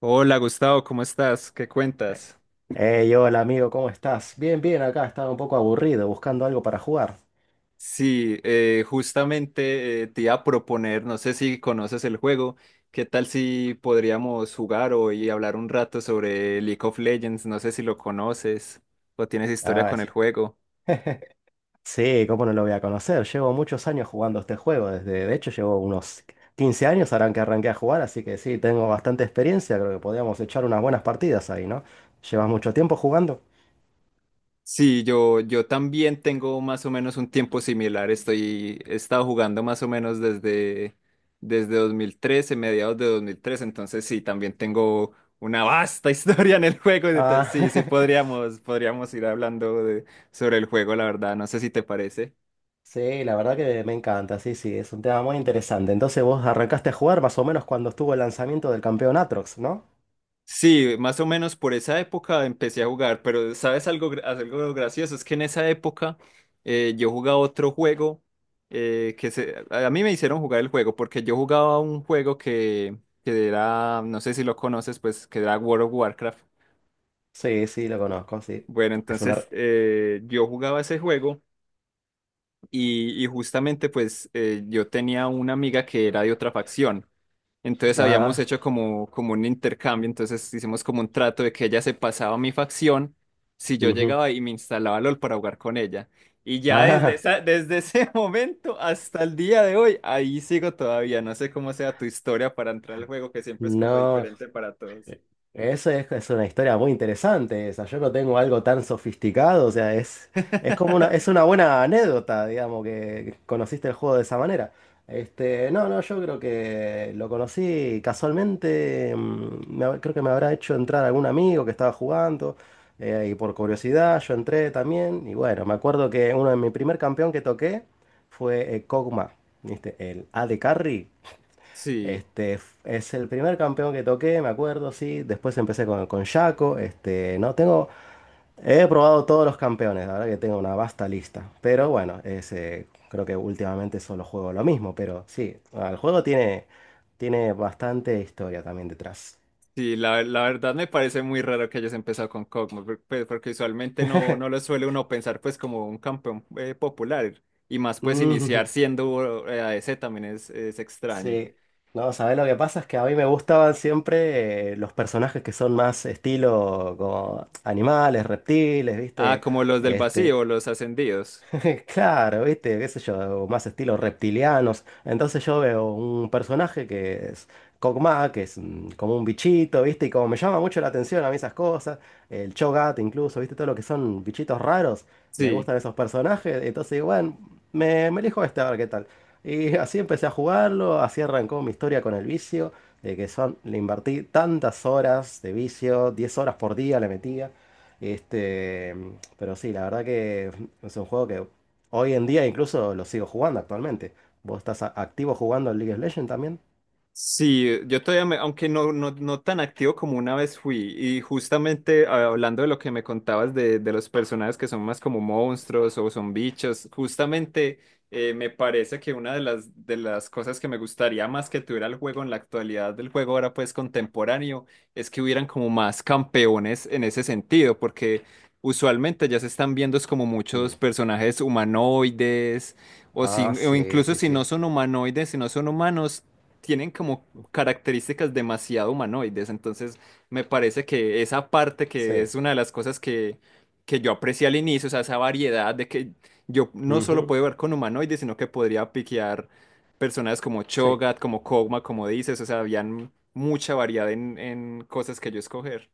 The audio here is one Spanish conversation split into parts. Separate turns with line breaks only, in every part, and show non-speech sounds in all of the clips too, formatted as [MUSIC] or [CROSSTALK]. Hola Gustavo, ¿cómo estás? ¿Qué cuentas?
Hey, hola amigo, ¿cómo estás? Bien, bien, acá estaba un poco aburrido, buscando algo para jugar.
Sí, justamente te iba a proponer, no sé si conoces el juego, ¿qué tal si podríamos jugar hoy y hablar un rato sobre League of Legends? No sé si lo conoces o tienes historia
Ah,
con el juego.
[LAUGHS] Sí, ¿cómo no lo voy a conocer? Llevo muchos años jugando este juego, desde, de hecho llevo unos 15 años harán que arranqué a jugar, así que sí, tengo bastante experiencia, creo que podríamos echar unas buenas partidas ahí, ¿no? ¿Llevas mucho tiempo jugando?
Sí, yo también tengo más o menos un tiempo similar. He estado jugando más o menos desde 2013, mediados de 2013. Entonces, sí, también tengo una vasta [LAUGHS] historia en el juego. Entonces,
Ah,
sí, sí,
[LAUGHS]
podríamos ir hablando sobre el juego, la verdad. No sé si te parece.
sí, la verdad que me encanta, sí, sí, es un tema muy interesante. Entonces vos arrancaste a jugar más o menos cuando estuvo el lanzamiento del campeón Atrox, ¿no?
Sí, más o menos por esa época empecé a jugar, pero ¿sabes algo, algo gracioso? Es que en esa época yo jugaba otro juego, a mí me hicieron jugar el juego porque yo jugaba un juego que era, no sé si lo conoces, pues que era World of Warcraft.
Sí, sí, lo conozco, sí.
Bueno,
Es una.
entonces yo jugaba ese juego, y justamente pues yo tenía una amiga que era de otra facción. Entonces habíamos
Ah.
hecho como un intercambio, entonces hicimos como un trato de que ella se pasaba a mi facción si yo
Ujú.
llegaba y me instalaba LOL para jugar con ella. Y ya desde
Ah,
desde ese [LAUGHS] momento hasta el día de hoy, ahí sigo todavía. No sé cómo sea tu historia para entrar al juego, que siempre es como
no,
diferente para todos.
eso es una historia muy interesante esa. Yo no tengo algo tan sofisticado, o sea, es como es
[LAUGHS]
una buena anécdota, digamos, que conociste el juego de esa manera. Este, no, no, yo creo que lo conocí casualmente, creo que me habrá hecho entrar algún amigo que estaba jugando, y por curiosidad yo entré también, y bueno, me acuerdo que uno de mi primer campeón que toqué fue Kog'Maw, ¿viste? El AD Carry.
Sí.
Este, es el primer campeón que toqué, me acuerdo, sí. Después empecé con Shaco. Este, no tengo. He probado todos los campeones, la verdad que tengo una vasta lista. Pero bueno, ese, creo que últimamente solo juego lo mismo. Pero sí, el juego tiene bastante historia también detrás.
Sí, la verdad me parece muy raro que hayas empezado con Kog'Maw, pues, porque usualmente no lo
[LAUGHS]
suele uno pensar pues como un campeón popular, y más pues
Mm,
iniciar siendo ADC también es extraño.
sí. No, ¿sabes lo que pasa? Es que a mí me gustaban siempre los personajes que son más estilo como animales, reptiles,
Ah,
¿viste?
como los del
Este,
vacío, los ascendidos.
[LAUGHS] claro, viste, qué sé yo, más estilos reptilianos. Entonces yo veo un personaje que es Kog'Maw, que es como un bichito, viste, y como me llama mucho la atención a mí esas cosas, el Cho'Gath incluso, viste, todo lo que son bichitos raros, me
Sí.
gustan esos personajes, entonces digo, bueno, me elijo este a ver qué tal. Y así empecé a jugarlo, así arrancó mi historia con el vicio, de que son, le invertí tantas horas de vicio, 10 horas por día le metía. Este, pero sí, la verdad que es un juego que hoy en día incluso lo sigo jugando actualmente. ¿Vos estás activo jugando en League of Legends también?
Sí, yo todavía, aunque no tan activo como una vez fui, y justamente ah, hablando de lo que me contabas de los personajes que son más como monstruos o son bichos, justamente me parece que una de de las cosas que me gustaría más que tuviera el juego en la actualidad del juego ahora pues contemporáneo es que hubieran como más campeones en ese sentido, porque usualmente ya se están viendo es como muchos
Mm.
personajes humanoides. O, si,
Ah,
o
sí,
incluso
sí,
si
sí.
no son humanoides, si no son humanos, tienen como características demasiado humanoides, entonces me parece que esa parte que
Sí.
es una de las cosas que yo aprecié al inicio, o sea, esa variedad de que yo no solo
Ujú,
puedo ver con humanoides, sino que podría piquear personas como
sí.
Cho'Gath, como Kog'Ma, como dices, o sea, habían mucha variedad en cosas que yo escoger.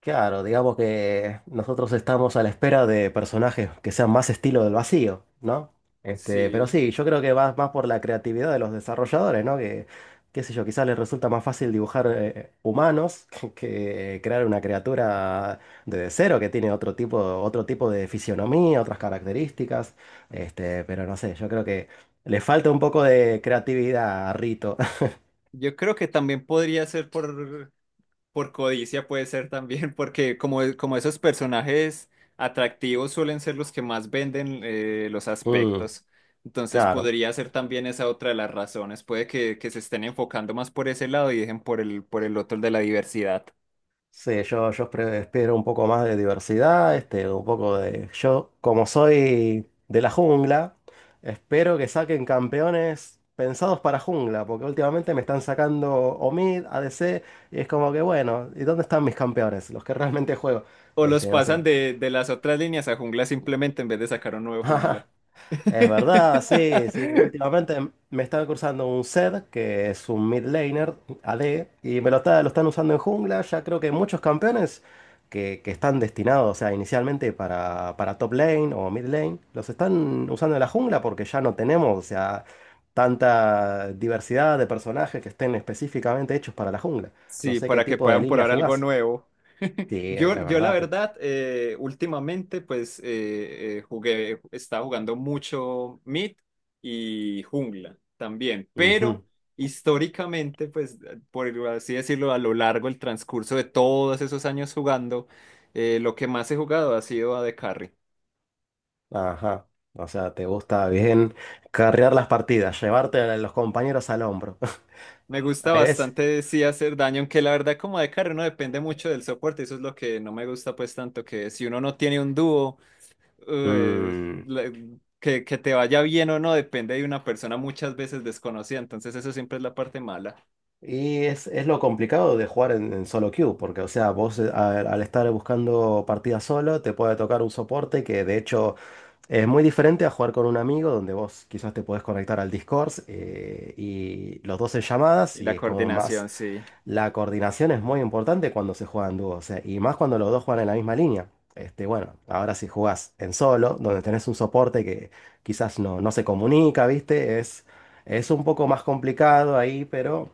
Claro, digamos que nosotros estamos a la espera de personajes que sean más estilo del vacío, ¿no? Este, pero
Sí,
sí, yo creo que va más por la creatividad de los desarrolladores, ¿no? Que, qué sé yo, quizás les resulta más fácil dibujar humanos [LAUGHS] que crear una criatura de cero que tiene otro tipo de fisionomía, otras características. Este, pero no sé, yo creo que le falta un poco de creatividad a Rito. [LAUGHS]
yo creo que también podría ser por. Por codicia puede ser también, [LAUGHS] porque como esos personajes atractivos suelen ser los que más venden los
Mm,
aspectos, entonces
claro.
podría ser también esa otra de las razones. Puede que se estén enfocando más por ese lado y dejen por el otro el de la diversidad.
Sí, yo espero un poco más de diversidad, este, un poco de. Yo, como soy de la jungla, espero que saquen campeones pensados para jungla, porque últimamente me están sacando Omid, ADC, y es como que, bueno, ¿y dónde están mis campeones? Los que realmente juego.
O los
Este, no
pasan
sé.
de las otras líneas a jungla simplemente en vez de sacar un nuevo jungla.
[LAUGHS] Es verdad, sí, sí.
[LAUGHS]
Últimamente me están cruzando un Zed, que es un mid laner AD, y lo están usando en jungla. Ya creo que muchos campeones que están destinados, o sea, inicialmente para top lane o mid lane, los están usando en la jungla porque ya no tenemos, o sea, tanta diversidad de personajes que estén específicamente hechos para la jungla. No
Sí,
sé qué
para que
tipo de
puedan
línea
probar algo
jugás.
nuevo. [LAUGHS]
Sí, es
Yo la
verdad.
verdad, últimamente pues jugué, estaba jugando mucho Mid y Jungla también, pero
Ujú.
históricamente pues, por así decirlo, a lo largo del transcurso de todos esos años jugando, lo que más he jugado ha sido a de carry.
Ajá. O sea, te gusta bien carrear las partidas, llevarte a los compañeros al hombro.
Me
[LAUGHS]
gusta
Ahí ves.
bastante sí hacer daño, aunque la verdad como de carry no depende mucho del soporte, eso es lo que no me gusta pues tanto, que si uno no tiene un dúo eh,
Mm,
la- que te vaya bien o no depende de una persona muchas veces desconocida, entonces eso siempre es la parte mala.
Y es lo complicado de jugar en solo queue, porque, o sea, vos al estar buscando partidas solo, te puede tocar un soporte que, de hecho, es muy diferente a jugar con un amigo, donde vos quizás te podés conectar al Discord y los dos en llamadas,
Y la
y es como más.
coordinación, sí.
La coordinación es muy importante cuando se juega en dúo, o sea, y más cuando los dos juegan en la misma línea. Este, bueno, ahora si jugás en solo, donde tenés un soporte que quizás no, no se comunica, ¿viste? Es un poco más complicado ahí, pero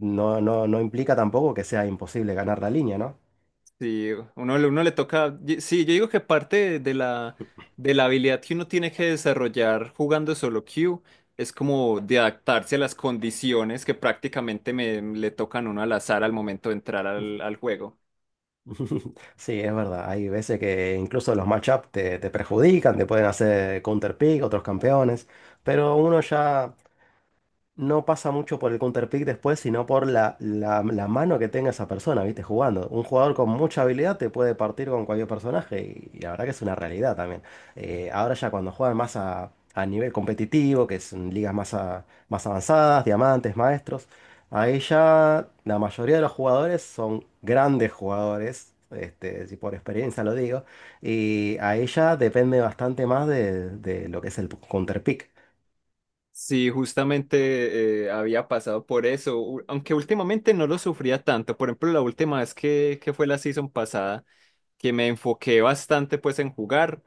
no, no, no implica tampoco que sea imposible ganar la línea, ¿no?
Sí, uno le toca. Sí, yo digo que parte de de la habilidad que uno tiene que desarrollar jugando solo queue es como de adaptarse a las condiciones que prácticamente le tocan a uno al azar al momento de entrar al juego.
[LAUGHS] Sí, es verdad. Hay veces que incluso los matchups te perjudican, te pueden hacer counterpick, otros campeones, pero uno ya no pasa mucho por el counterpick después, sino por la mano que tenga esa persona, ¿viste? Jugando. Un jugador con mucha habilidad te puede partir con cualquier personaje y la verdad que es una realidad también. Ahora ya cuando juegan más a nivel competitivo, que son ligas más avanzadas, diamantes, maestros, ahí ya la mayoría de los jugadores son grandes jugadores. Este, si por experiencia lo digo, y ahí ya depende bastante más de lo que es el counterpick.
Sí, justamente había pasado por eso, aunque últimamente no lo sufría tanto. Por ejemplo, la última vez que fue la season pasada, que me enfoqué bastante pues en jugar,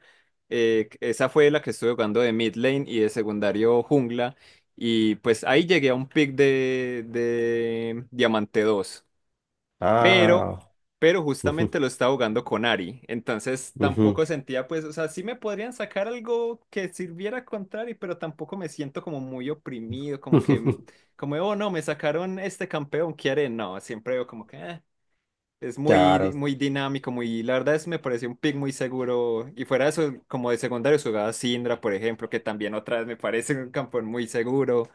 esa fue la que estuve jugando de mid lane y de secundario jungla, y pues ahí llegué a un pick de diamante dos, pero,
Ah,
pero
ujú,
justamente lo estaba jugando con Ari, entonces
ujú.
tampoco sentía, pues, o sea, sí me podrían sacar algo que sirviera contra Ari, pero tampoco me siento como muy oprimido, como que,
[LAUGHS]
como, oh, no, me sacaron este campeón, ¿qué haré? No, siempre veo como que, "Ah". Es muy,
Claro,
muy dinámico, muy, la verdad es, me pareció un pick muy seguro, y fuera de eso, como de secundario jugaba Syndra, por ejemplo, que también otra vez me parece un campeón muy seguro,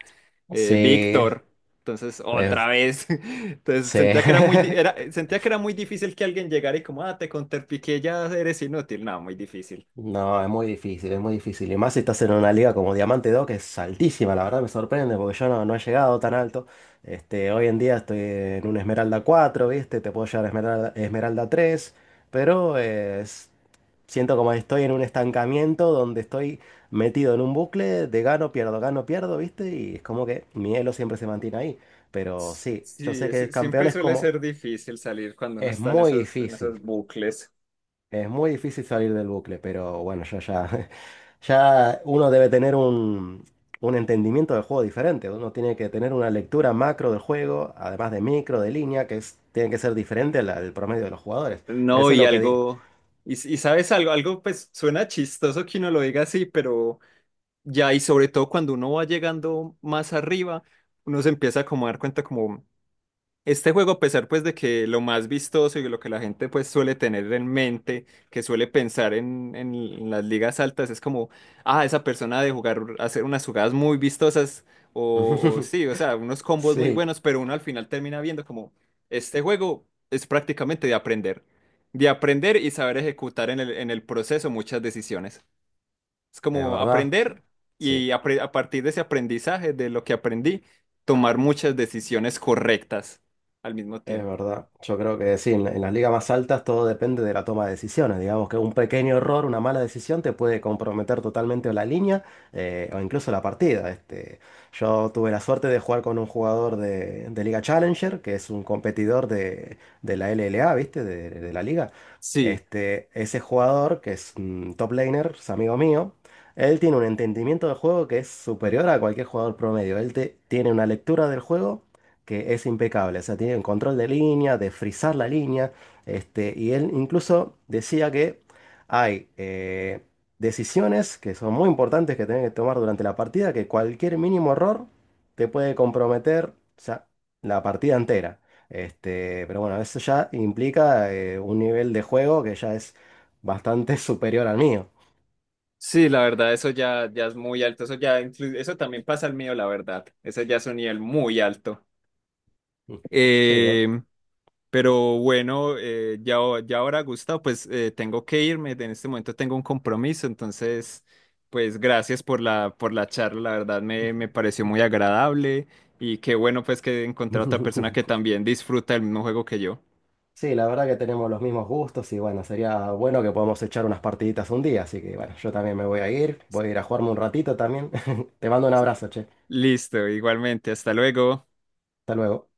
sí,
Víctor. Entonces, otra
es-
vez. [LAUGHS] Entonces,
sí.
sentía que era muy,
[LAUGHS]
sentía que era muy difícil que alguien llegara y como, ah, te contrapiqué, ya eres inútil. No, muy difícil.
No, es muy difícil, es muy difícil. Y más si estás en una liga como Diamante 2 que es altísima, la verdad me sorprende, porque yo no, no he llegado tan alto. Este, hoy en día estoy en un Esmeralda 4, ¿viste? Te puedo llevar a Esmeralda, Esmeralda 3, pero siento como estoy en un estancamiento donde estoy metido en un bucle de gano, pierdo, ¿viste? Y es como que mi elo siempre se mantiene ahí. Pero sí, yo
Sí,
sé que
siempre
campeones
suele
como.
ser difícil salir cuando uno
Es
está en
muy
en esos
difícil,
bucles.
es muy difícil salir del bucle, pero bueno, ya, ya, [LAUGHS] ya uno debe tener un entendimiento del juego diferente, uno tiene que tener una lectura macro del juego, además de micro, de línea, tiene que ser diferente al promedio de los jugadores.
No,
Eso es
y
lo que di.
algo, y sabes algo, algo pues suena chistoso que uno lo diga así, pero ya, y sobre todo cuando uno va llegando más arriba, uno se empieza como a dar cuenta como... Este juego, a pesar pues de que lo más vistoso y lo que la gente pues suele tener en mente, que suele pensar en las ligas altas, es como, ah, esa persona ha de jugar, hacer unas jugadas muy vistosas o
[LAUGHS]
sí, o sea, unos combos muy
Sí,
buenos, pero uno al final termina viendo como, este juego es prácticamente de aprender y saber ejecutar en en el proceso muchas decisiones. Es
es
como
verdad,
aprender
sí.
y a partir de ese aprendizaje, de lo que aprendí, tomar muchas decisiones correctas al mismo
Es
tiempo.
verdad, yo creo que sí, en las ligas más altas todo depende de la toma de decisiones. Digamos que un pequeño error, una mala decisión te puede comprometer totalmente la línea o incluso la partida. Este, yo tuve la suerte de jugar con un jugador de Liga Challenger, que es un competidor de la LLA, ¿viste? De la liga.
Sí,
Este, ese jugador, que es un top laner, es amigo mío, él tiene un entendimiento del juego que es superior a cualquier jugador promedio. Él tiene una lectura del juego que es impecable. O sea, tiene el control de línea, de frizar la línea. Este, y él incluso decía que hay decisiones que son muy importantes que tienen que tomar durante la partida, que cualquier mínimo error te puede comprometer, o sea, la partida entera. Este, pero bueno, eso ya implica un nivel de juego que ya es bastante [LAUGHS] superior al mío.
sí, la verdad, ya es muy alto. Eso ya eso también pasa al mío, la verdad. Eso ya es un nivel muy alto.
Sí, Dot.
Eh, Pero bueno, ya ahora, Gustavo, pues tengo que irme. En este momento tengo un compromiso. Entonces, pues gracias por por la charla. Me pareció muy agradable. Y qué bueno, pues que encontrar otra persona que
[LAUGHS]
también disfruta el mismo juego que yo.
Sí, la verdad que tenemos los mismos gustos y bueno, sería bueno que podamos echar unas partiditas un día, así que bueno, yo también me voy a ir a jugarme un ratito también. [LAUGHS] Te mando un
Sí,
abrazo, che.
listo, igualmente. Hasta luego.
Hasta luego.